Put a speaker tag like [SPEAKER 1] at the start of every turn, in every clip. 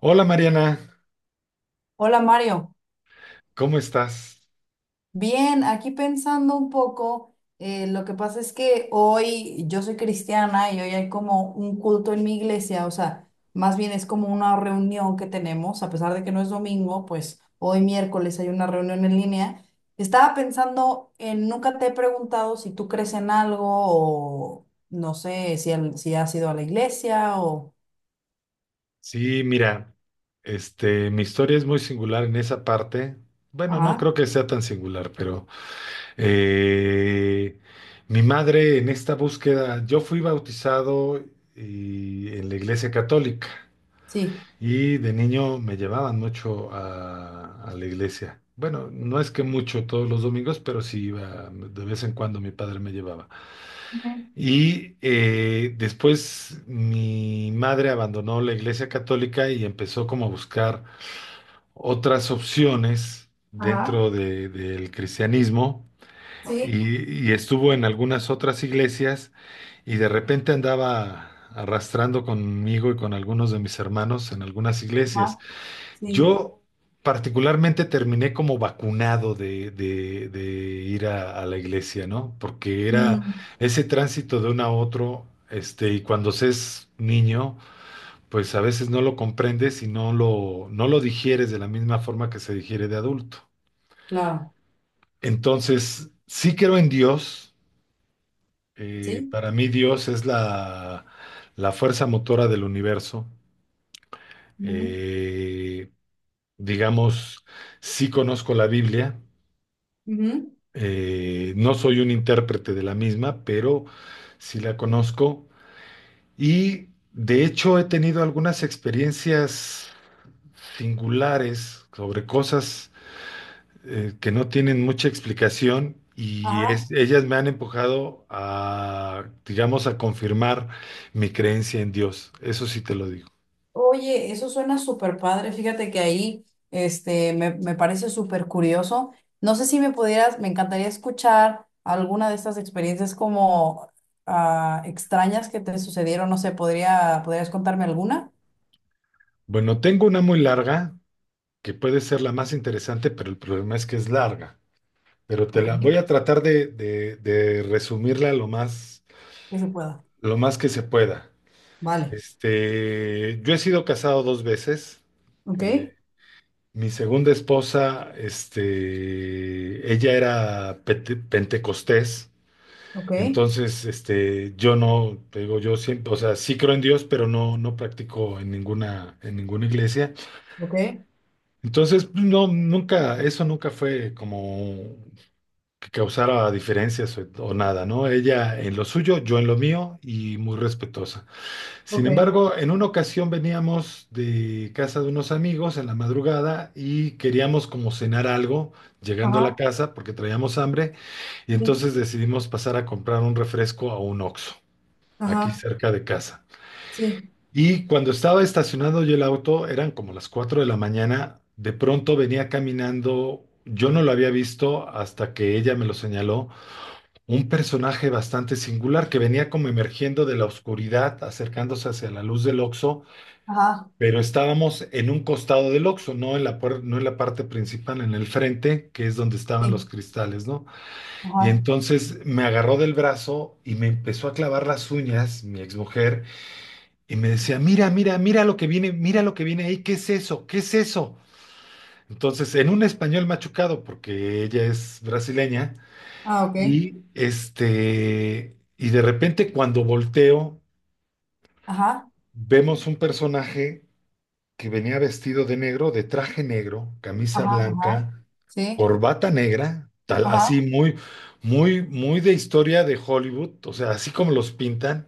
[SPEAKER 1] Hola Mariana,
[SPEAKER 2] Hola, Mario.
[SPEAKER 1] ¿cómo estás?
[SPEAKER 2] Bien, aquí pensando un poco. Lo que pasa es que hoy yo soy cristiana y hoy hay como un culto en mi iglesia, o sea, más bien es como una reunión que tenemos, a pesar de que no es domingo, pues hoy miércoles hay una reunión en línea. Estaba pensando en, nunca te he preguntado si tú crees en algo o no sé si, si has ido a la iglesia o...
[SPEAKER 1] Sí, mira, mi historia es muy singular en esa parte. Bueno, no
[SPEAKER 2] Ajá,
[SPEAKER 1] creo que sea tan singular, pero eh, mi madre en esta búsqueda, yo fui bautizado en la iglesia católica
[SPEAKER 2] sí.
[SPEAKER 1] y de niño me llevaban mucho a la iglesia. Bueno, no es que mucho todos los domingos, pero sí iba de vez en cuando mi padre me llevaba.
[SPEAKER 2] Ujú.
[SPEAKER 1] Y después mi madre abandonó la iglesia católica y empezó como a buscar otras opciones
[SPEAKER 2] Ajá,
[SPEAKER 1] del cristianismo
[SPEAKER 2] sí.
[SPEAKER 1] y estuvo en algunas otras iglesias y de repente andaba arrastrando conmigo y con algunos de mis hermanos en algunas iglesias.
[SPEAKER 2] Ajá, sí.
[SPEAKER 1] Yo particularmente terminé como vacunado de ir a la iglesia, ¿no? Porque era
[SPEAKER 2] Mm,
[SPEAKER 1] ese tránsito de uno a otro, y cuando se es niño, pues a veces no lo comprendes y no lo digieres de la misma forma que se digiere de adulto.
[SPEAKER 2] claro.
[SPEAKER 1] Entonces, sí creo en Dios.
[SPEAKER 2] Sí.
[SPEAKER 1] Para mí Dios es la fuerza motora del universo.
[SPEAKER 2] Ujú,
[SPEAKER 1] Eh, digamos, sí conozco la Biblia.
[SPEAKER 2] ujú.
[SPEAKER 1] No soy un intérprete de la misma, pero sí la conozco. Y de hecho he tenido algunas experiencias singulares sobre cosas que no tienen mucha explicación y
[SPEAKER 2] Ajá.
[SPEAKER 1] ellas me han empujado a, digamos, a confirmar mi creencia en Dios. Eso sí te lo digo.
[SPEAKER 2] Oye, eso suena súper padre. Fíjate que ahí me parece súper curioso. No sé si me pudieras, me encantaría escuchar alguna de estas experiencias como ah, extrañas que te sucedieron. No sé, ¿podría, podrías contarme alguna?
[SPEAKER 1] Bueno, tengo una muy larga, que puede ser la más interesante, pero el problema es que es larga. Pero te
[SPEAKER 2] Ok.
[SPEAKER 1] la voy a tratar de resumirla lo más,
[SPEAKER 2] Que se pueda.
[SPEAKER 1] lo más que se pueda.
[SPEAKER 2] Vale.
[SPEAKER 1] Yo he sido casado dos veces.
[SPEAKER 2] Ok,
[SPEAKER 1] Eh, Mi segunda esposa, ella era pentecostés.
[SPEAKER 2] ok,
[SPEAKER 1] Entonces, yo no, te digo, yo siempre, o sea, sí creo en Dios, pero no practico en ninguna iglesia.
[SPEAKER 2] ok,
[SPEAKER 1] Entonces, no, nunca, eso nunca fue como que causara diferencias o nada, ¿no? Ella en lo suyo, yo en lo mío y muy respetuosa. Sin
[SPEAKER 2] ok.
[SPEAKER 1] embargo, en una ocasión veníamos de casa de unos amigos en la madrugada y queríamos como cenar algo llegando a la
[SPEAKER 2] Ajá.
[SPEAKER 1] casa porque traíamos hambre y
[SPEAKER 2] Sí.
[SPEAKER 1] entonces decidimos pasar a comprar un refresco a un Oxxo, aquí
[SPEAKER 2] Ajá.
[SPEAKER 1] cerca de casa.
[SPEAKER 2] Sí.
[SPEAKER 1] Y cuando estaba estacionado yo el auto, eran como las 4 de la mañana. De pronto venía caminando, yo no lo había visto hasta que ella me lo señaló, un personaje bastante singular que venía como emergiendo de la oscuridad, acercándose hacia la luz del Oxxo,
[SPEAKER 2] Ajá.
[SPEAKER 1] pero estábamos en un costado del Oxxo, no en la parte principal, en el frente, que es donde estaban los
[SPEAKER 2] Sí.
[SPEAKER 1] cristales, ¿no? Y
[SPEAKER 2] Ajá.
[SPEAKER 1] entonces me agarró del brazo y me empezó a clavar las uñas, mi exmujer, y me decía, mira, mira, mira lo que viene, mira lo que viene ahí, ¿qué es eso? ¿Qué es eso? Entonces, en un español machucado, porque ella es brasileña.
[SPEAKER 2] Ah, ok.
[SPEAKER 1] Y de repente cuando volteo,
[SPEAKER 2] Ajá.
[SPEAKER 1] vemos un personaje que venía vestido de negro, de traje negro, camisa
[SPEAKER 2] Ajá. Ajá.
[SPEAKER 1] blanca,
[SPEAKER 2] Sí.
[SPEAKER 1] corbata negra, tal, así
[SPEAKER 2] Ajá.
[SPEAKER 1] muy, muy, muy de historia de Hollywood, o sea, así como los pintan.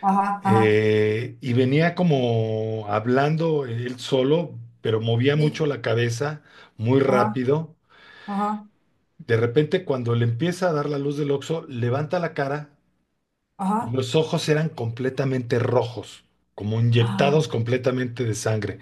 [SPEAKER 2] Ajá, ajá,
[SPEAKER 1] Y venía como hablando él solo, pero movía
[SPEAKER 2] sí,
[SPEAKER 1] mucho la cabeza, muy
[SPEAKER 2] ajá,
[SPEAKER 1] rápido.
[SPEAKER 2] ajá,
[SPEAKER 1] De repente, cuando le empieza a dar la luz del oxo levanta la cara. Y
[SPEAKER 2] ajá.
[SPEAKER 1] los ojos eran completamente rojos, como inyectados
[SPEAKER 2] Ah.
[SPEAKER 1] completamente de sangre.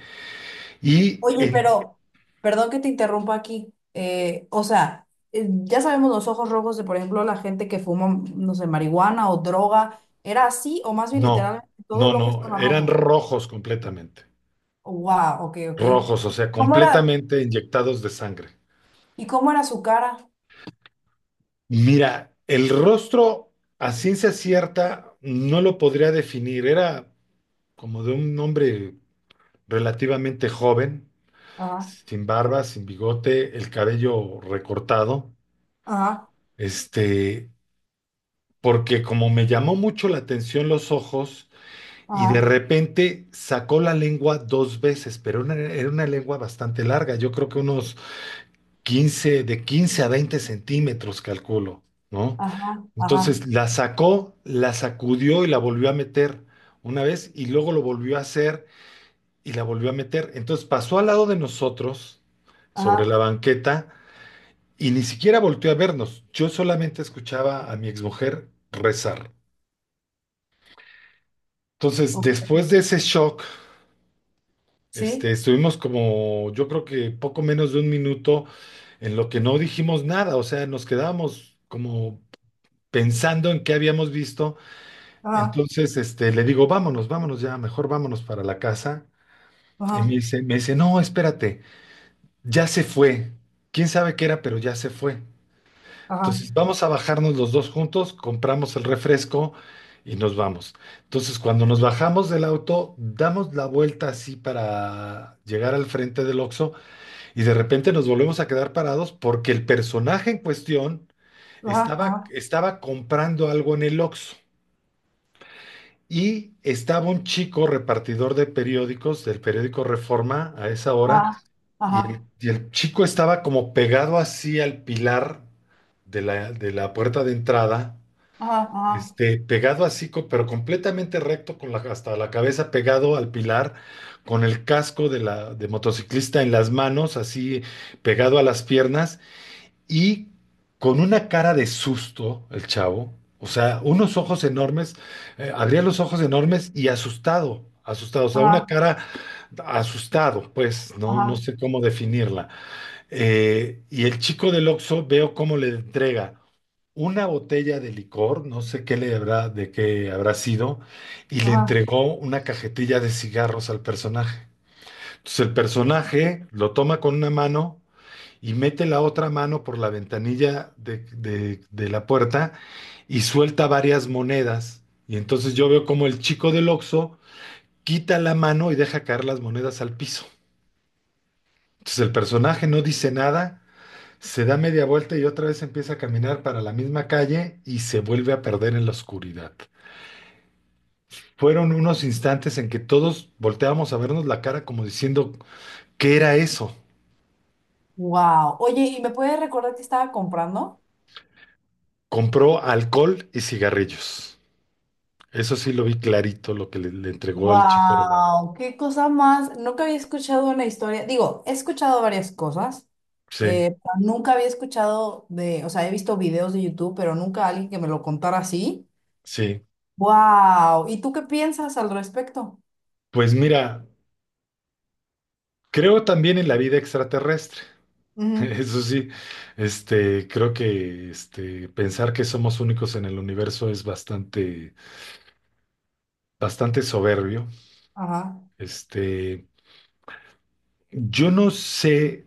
[SPEAKER 1] Y
[SPEAKER 2] Oye,
[SPEAKER 1] en...
[SPEAKER 2] pero, perdón que te interrumpa aquí. O sea, ya sabemos los ojos rojos de, por ejemplo, la gente que fuma, no sé, marihuana o droga. ¿Era así o más bien
[SPEAKER 1] no,
[SPEAKER 2] literalmente todo
[SPEAKER 1] no,
[SPEAKER 2] el ojo
[SPEAKER 1] no,
[SPEAKER 2] estaba
[SPEAKER 1] eran
[SPEAKER 2] rojo?
[SPEAKER 1] rojos completamente.
[SPEAKER 2] Wow, ok, ok.
[SPEAKER 1] Rojos, o sea,
[SPEAKER 2] ¿Cómo era?
[SPEAKER 1] completamente inyectados de sangre.
[SPEAKER 2] ¿Y cómo era su cara?
[SPEAKER 1] Mira, el rostro a ciencia cierta no lo podría definir. Era como de un hombre relativamente joven,
[SPEAKER 2] Ajá,
[SPEAKER 1] sin barba, sin bigote, el cabello recortado.
[SPEAKER 2] ajá,
[SPEAKER 1] Este, Porque como me llamó mucho la atención los ojos y de
[SPEAKER 2] ajá,
[SPEAKER 1] repente sacó la lengua dos veces, pero era una lengua bastante larga, yo creo que unos 15 de 15 a 20 centímetros, calculo, ¿no?
[SPEAKER 2] ajá, ajá,
[SPEAKER 1] Entonces la sacó, la sacudió y la volvió a meter una vez y luego lo volvió a hacer y la volvió a meter. Entonces pasó al lado de nosotros, sobre
[SPEAKER 2] ajá.
[SPEAKER 1] la banqueta, y ni siquiera volteó a vernos. Yo solamente escuchaba a mi exmujer rezar. Entonces,
[SPEAKER 2] Ok.
[SPEAKER 1] después de ese shock,
[SPEAKER 2] ¿Sí?
[SPEAKER 1] estuvimos como, yo creo que poco menos de un minuto en lo que no dijimos nada, o sea, nos quedábamos como pensando en qué habíamos visto.
[SPEAKER 2] Ajá,
[SPEAKER 1] Entonces, le digo, vámonos, vámonos ya, mejor vámonos para la casa. Y me
[SPEAKER 2] ajá,
[SPEAKER 1] dice, me dice, no, espérate, ya se fue. ¿Quién sabe qué era, pero ya se fue?
[SPEAKER 2] ajá,
[SPEAKER 1] Entonces vamos a bajarnos los dos juntos, compramos el refresco y nos vamos. Entonces cuando nos bajamos del auto, damos la vuelta así para llegar al frente del Oxxo y de repente nos volvemos a quedar parados porque el personaje en cuestión
[SPEAKER 2] ajá,
[SPEAKER 1] estaba,
[SPEAKER 2] ajá,
[SPEAKER 1] estaba comprando algo en el Oxxo. Y estaba un chico repartidor de periódicos del periódico Reforma a esa hora,
[SPEAKER 2] ajá,
[SPEAKER 1] y
[SPEAKER 2] ajá,
[SPEAKER 1] el, y el chico estaba como pegado así al pilar de la puerta de entrada,
[SPEAKER 2] ajá, ajá.
[SPEAKER 1] pegado así, pero completamente recto con hasta la cabeza, pegado al pilar, con el casco de la de motociclista en las manos, así pegado a las piernas y con una cara de susto el chavo, o sea, unos ojos enormes. Abría los ojos enormes y asustado, asustado, o sea, una
[SPEAKER 2] Ajá,
[SPEAKER 1] cara asustado, pues, no
[SPEAKER 2] ajá,
[SPEAKER 1] sé cómo definirla. Y el chico del Oxxo, veo cómo le entrega una botella de licor, no sé qué le habrá, de qué habrá sido, y le
[SPEAKER 2] ajá.
[SPEAKER 1] entregó una cajetilla de cigarros al personaje. Entonces el personaje lo toma con una mano y mete la otra mano por la ventanilla de la puerta y suelta varias monedas. Y entonces yo veo como el chico del Oxxo quita la mano y deja caer las monedas al piso. Entonces el personaje no dice nada, se da media vuelta y otra vez empieza a caminar para la misma calle y se vuelve a perder en la oscuridad. Fueron unos instantes en que todos volteábamos a vernos la cara como diciendo, ¿qué era eso?
[SPEAKER 2] Wow. Oye, ¿y me puedes recordar que estaba comprando?
[SPEAKER 1] Compró alcohol y cigarrillos. Eso sí lo vi clarito, lo que le entregó el chico de la...
[SPEAKER 2] Wow, qué cosa más. Nunca había escuchado una historia. Digo, he escuchado varias cosas,
[SPEAKER 1] Sí,
[SPEAKER 2] pero nunca había escuchado de, o sea, he visto videos de YouTube, pero nunca alguien que me lo contara así.
[SPEAKER 1] sí.
[SPEAKER 2] Wow. ¿Y tú qué piensas al respecto?
[SPEAKER 1] Pues mira, creo también en la vida extraterrestre.
[SPEAKER 2] Ujú.
[SPEAKER 1] Eso sí, creo que pensar que somos únicos en el universo es bastante, bastante soberbio.
[SPEAKER 2] Ajá,
[SPEAKER 1] Este, yo no sé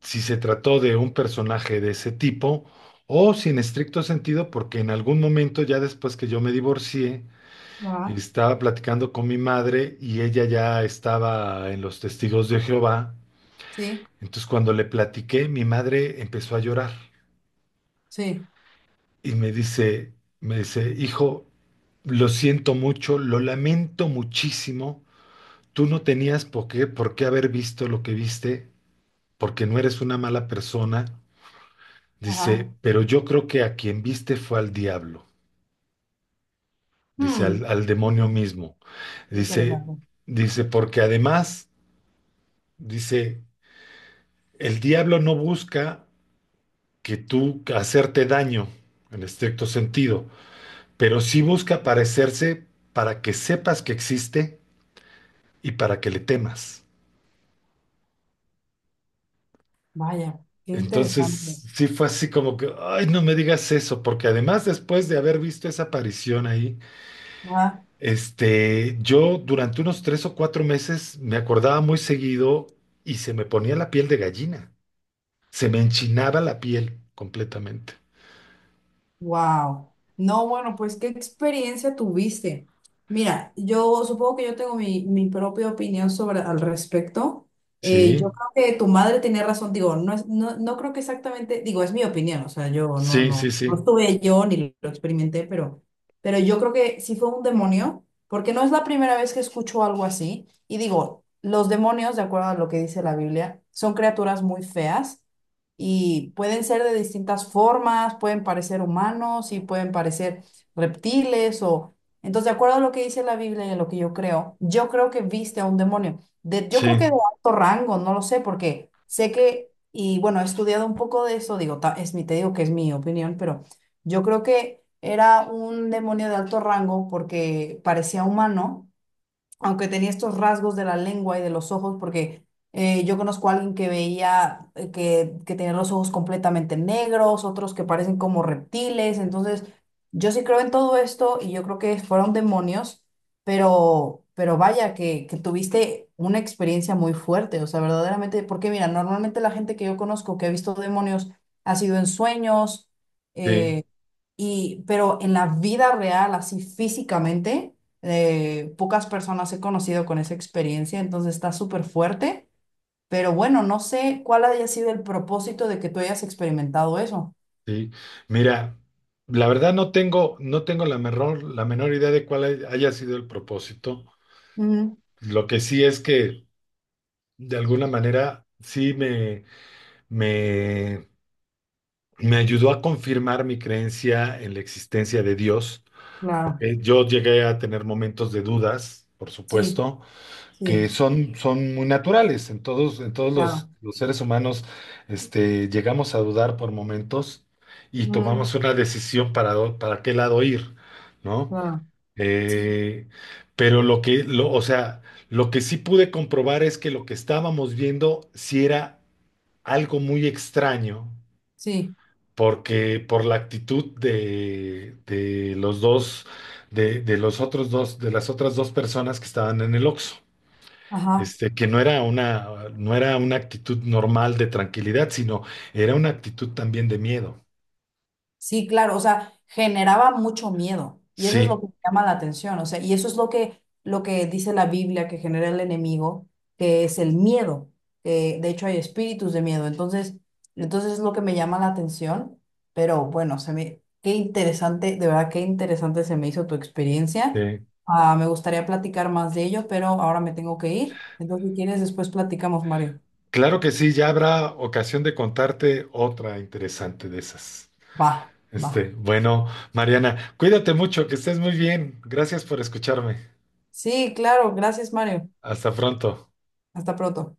[SPEAKER 1] si se trató de un personaje de ese tipo o si en estricto sentido, porque en algún momento ya después que yo me divorcié,
[SPEAKER 2] ajá.
[SPEAKER 1] estaba platicando con mi madre y ella ya estaba en los Testigos de Jehová.
[SPEAKER 2] Sí,
[SPEAKER 1] Entonces cuando le platiqué, mi madre empezó a llorar
[SPEAKER 2] sí,
[SPEAKER 1] y me dice, hijo, lo siento mucho, lo lamento muchísimo. Tú no tenías por qué haber visto lo que viste. Porque no eres una mala persona. Dice,
[SPEAKER 2] ajá.
[SPEAKER 1] pero yo creo que a quien viste fue al diablo, dice,
[SPEAKER 2] hmm
[SPEAKER 1] al demonio
[SPEAKER 2] Qué
[SPEAKER 1] mismo. Dice,
[SPEAKER 2] interesante.
[SPEAKER 1] dice, porque además, dice, el diablo no busca que tú hacerte daño, en estricto sentido, pero sí busca parecerse para que sepas que existe y para que le temas.
[SPEAKER 2] Vaya, qué interesante.
[SPEAKER 1] Entonces, sí fue así como que, ay, no me digas eso, porque además después de haber visto esa aparición ahí, yo durante unos 3 o 4 meses me acordaba muy seguido y se me ponía la piel de gallina. Se me enchinaba la piel completamente.
[SPEAKER 2] Wow. No, bueno, pues qué experiencia tuviste. Mira, yo supongo que yo tengo mi propia opinión sobre al respecto.
[SPEAKER 1] Sí,
[SPEAKER 2] Yo creo que tu madre tenía razón, digo, no es, no creo que exactamente, digo, es mi opinión, o sea, yo no,
[SPEAKER 1] sí, sí,
[SPEAKER 2] no, no
[SPEAKER 1] sí,
[SPEAKER 2] estuve yo ni lo experimenté, pero, yo creo que sí fue un demonio, porque no es la primera vez que escucho algo así. Y digo, los demonios, de acuerdo a lo que dice la Biblia, son criaturas muy feas y pueden ser de distintas formas, pueden parecer humanos y pueden parecer reptiles o... Entonces, de acuerdo a lo que dice la Biblia y a lo que yo creo que viste a un demonio. De, yo creo que
[SPEAKER 1] sí,
[SPEAKER 2] de alto rango, no lo sé, porque sé que, y bueno, he estudiado un poco de eso, digo, es mi, te digo que es mi opinión, pero yo creo que era un demonio de alto rango porque parecía humano aunque tenía estos rasgos de la lengua y de los ojos, porque yo conozco a alguien que veía que tenía los ojos completamente negros, otros que parecen como reptiles, entonces yo sí creo en todo esto y yo creo que fueron demonios, pero, vaya, que tuviste una experiencia muy fuerte, o sea, verdaderamente, porque mira, normalmente la gente que yo conozco que ha visto demonios ha sido en sueños,
[SPEAKER 1] sí,
[SPEAKER 2] eh, y, pero en la vida real, así físicamente, pocas personas he conocido con esa experiencia, entonces está súper fuerte. Pero bueno, no sé cuál haya sido el propósito de que tú hayas experimentado eso.
[SPEAKER 1] sí. Mira, la verdad no tengo la menor idea de cuál haya sido el propósito.
[SPEAKER 2] Ujú,
[SPEAKER 1] Lo que sí es que de alguna manera sí me, me ayudó a confirmar mi creencia en la existencia de Dios.
[SPEAKER 2] claro,
[SPEAKER 1] Yo llegué a tener momentos de dudas, por
[SPEAKER 2] sí,
[SPEAKER 1] supuesto, que
[SPEAKER 2] sí,
[SPEAKER 1] son muy naturales. En todos los,
[SPEAKER 2] claro.
[SPEAKER 1] los seres humanos, llegamos a dudar por momentos y
[SPEAKER 2] Ujú,
[SPEAKER 1] tomamos una decisión para qué lado ir, ¿no?
[SPEAKER 2] claro, sí,
[SPEAKER 1] Eh, pero o sea, lo que sí pude comprobar es que lo que estábamos viendo sí era algo muy extraño
[SPEAKER 2] sí,
[SPEAKER 1] porque por la actitud de los dos, de los otros dos, de las otras dos personas que estaban en el Oxxo.
[SPEAKER 2] ajá.
[SPEAKER 1] Que no era una, no era una actitud normal de tranquilidad, sino era una actitud también de miedo.
[SPEAKER 2] Sí, claro, o sea, generaba mucho miedo y eso es
[SPEAKER 1] Sí,
[SPEAKER 2] lo que llama la atención, o sea, y eso es lo que, dice la Biblia que genera el enemigo, que es el miedo, que de hecho hay espíritus de miedo, entonces es lo que me llama la atención, pero bueno, se me, qué interesante, de verdad, qué interesante se me hizo tu experiencia.
[SPEAKER 1] sí.
[SPEAKER 2] Ah, me gustaría platicar más de ello, pero ahora me tengo que ir, entonces si quieres después platicamos, Mario.
[SPEAKER 1] Claro que sí, ya habrá ocasión de contarte otra interesante de esas.
[SPEAKER 2] Va, va.
[SPEAKER 1] Bueno, Mariana, cuídate mucho, que estés muy bien. Gracias por escucharme.
[SPEAKER 2] Sí, claro, gracias, Mario.
[SPEAKER 1] Hasta pronto.
[SPEAKER 2] Hasta pronto.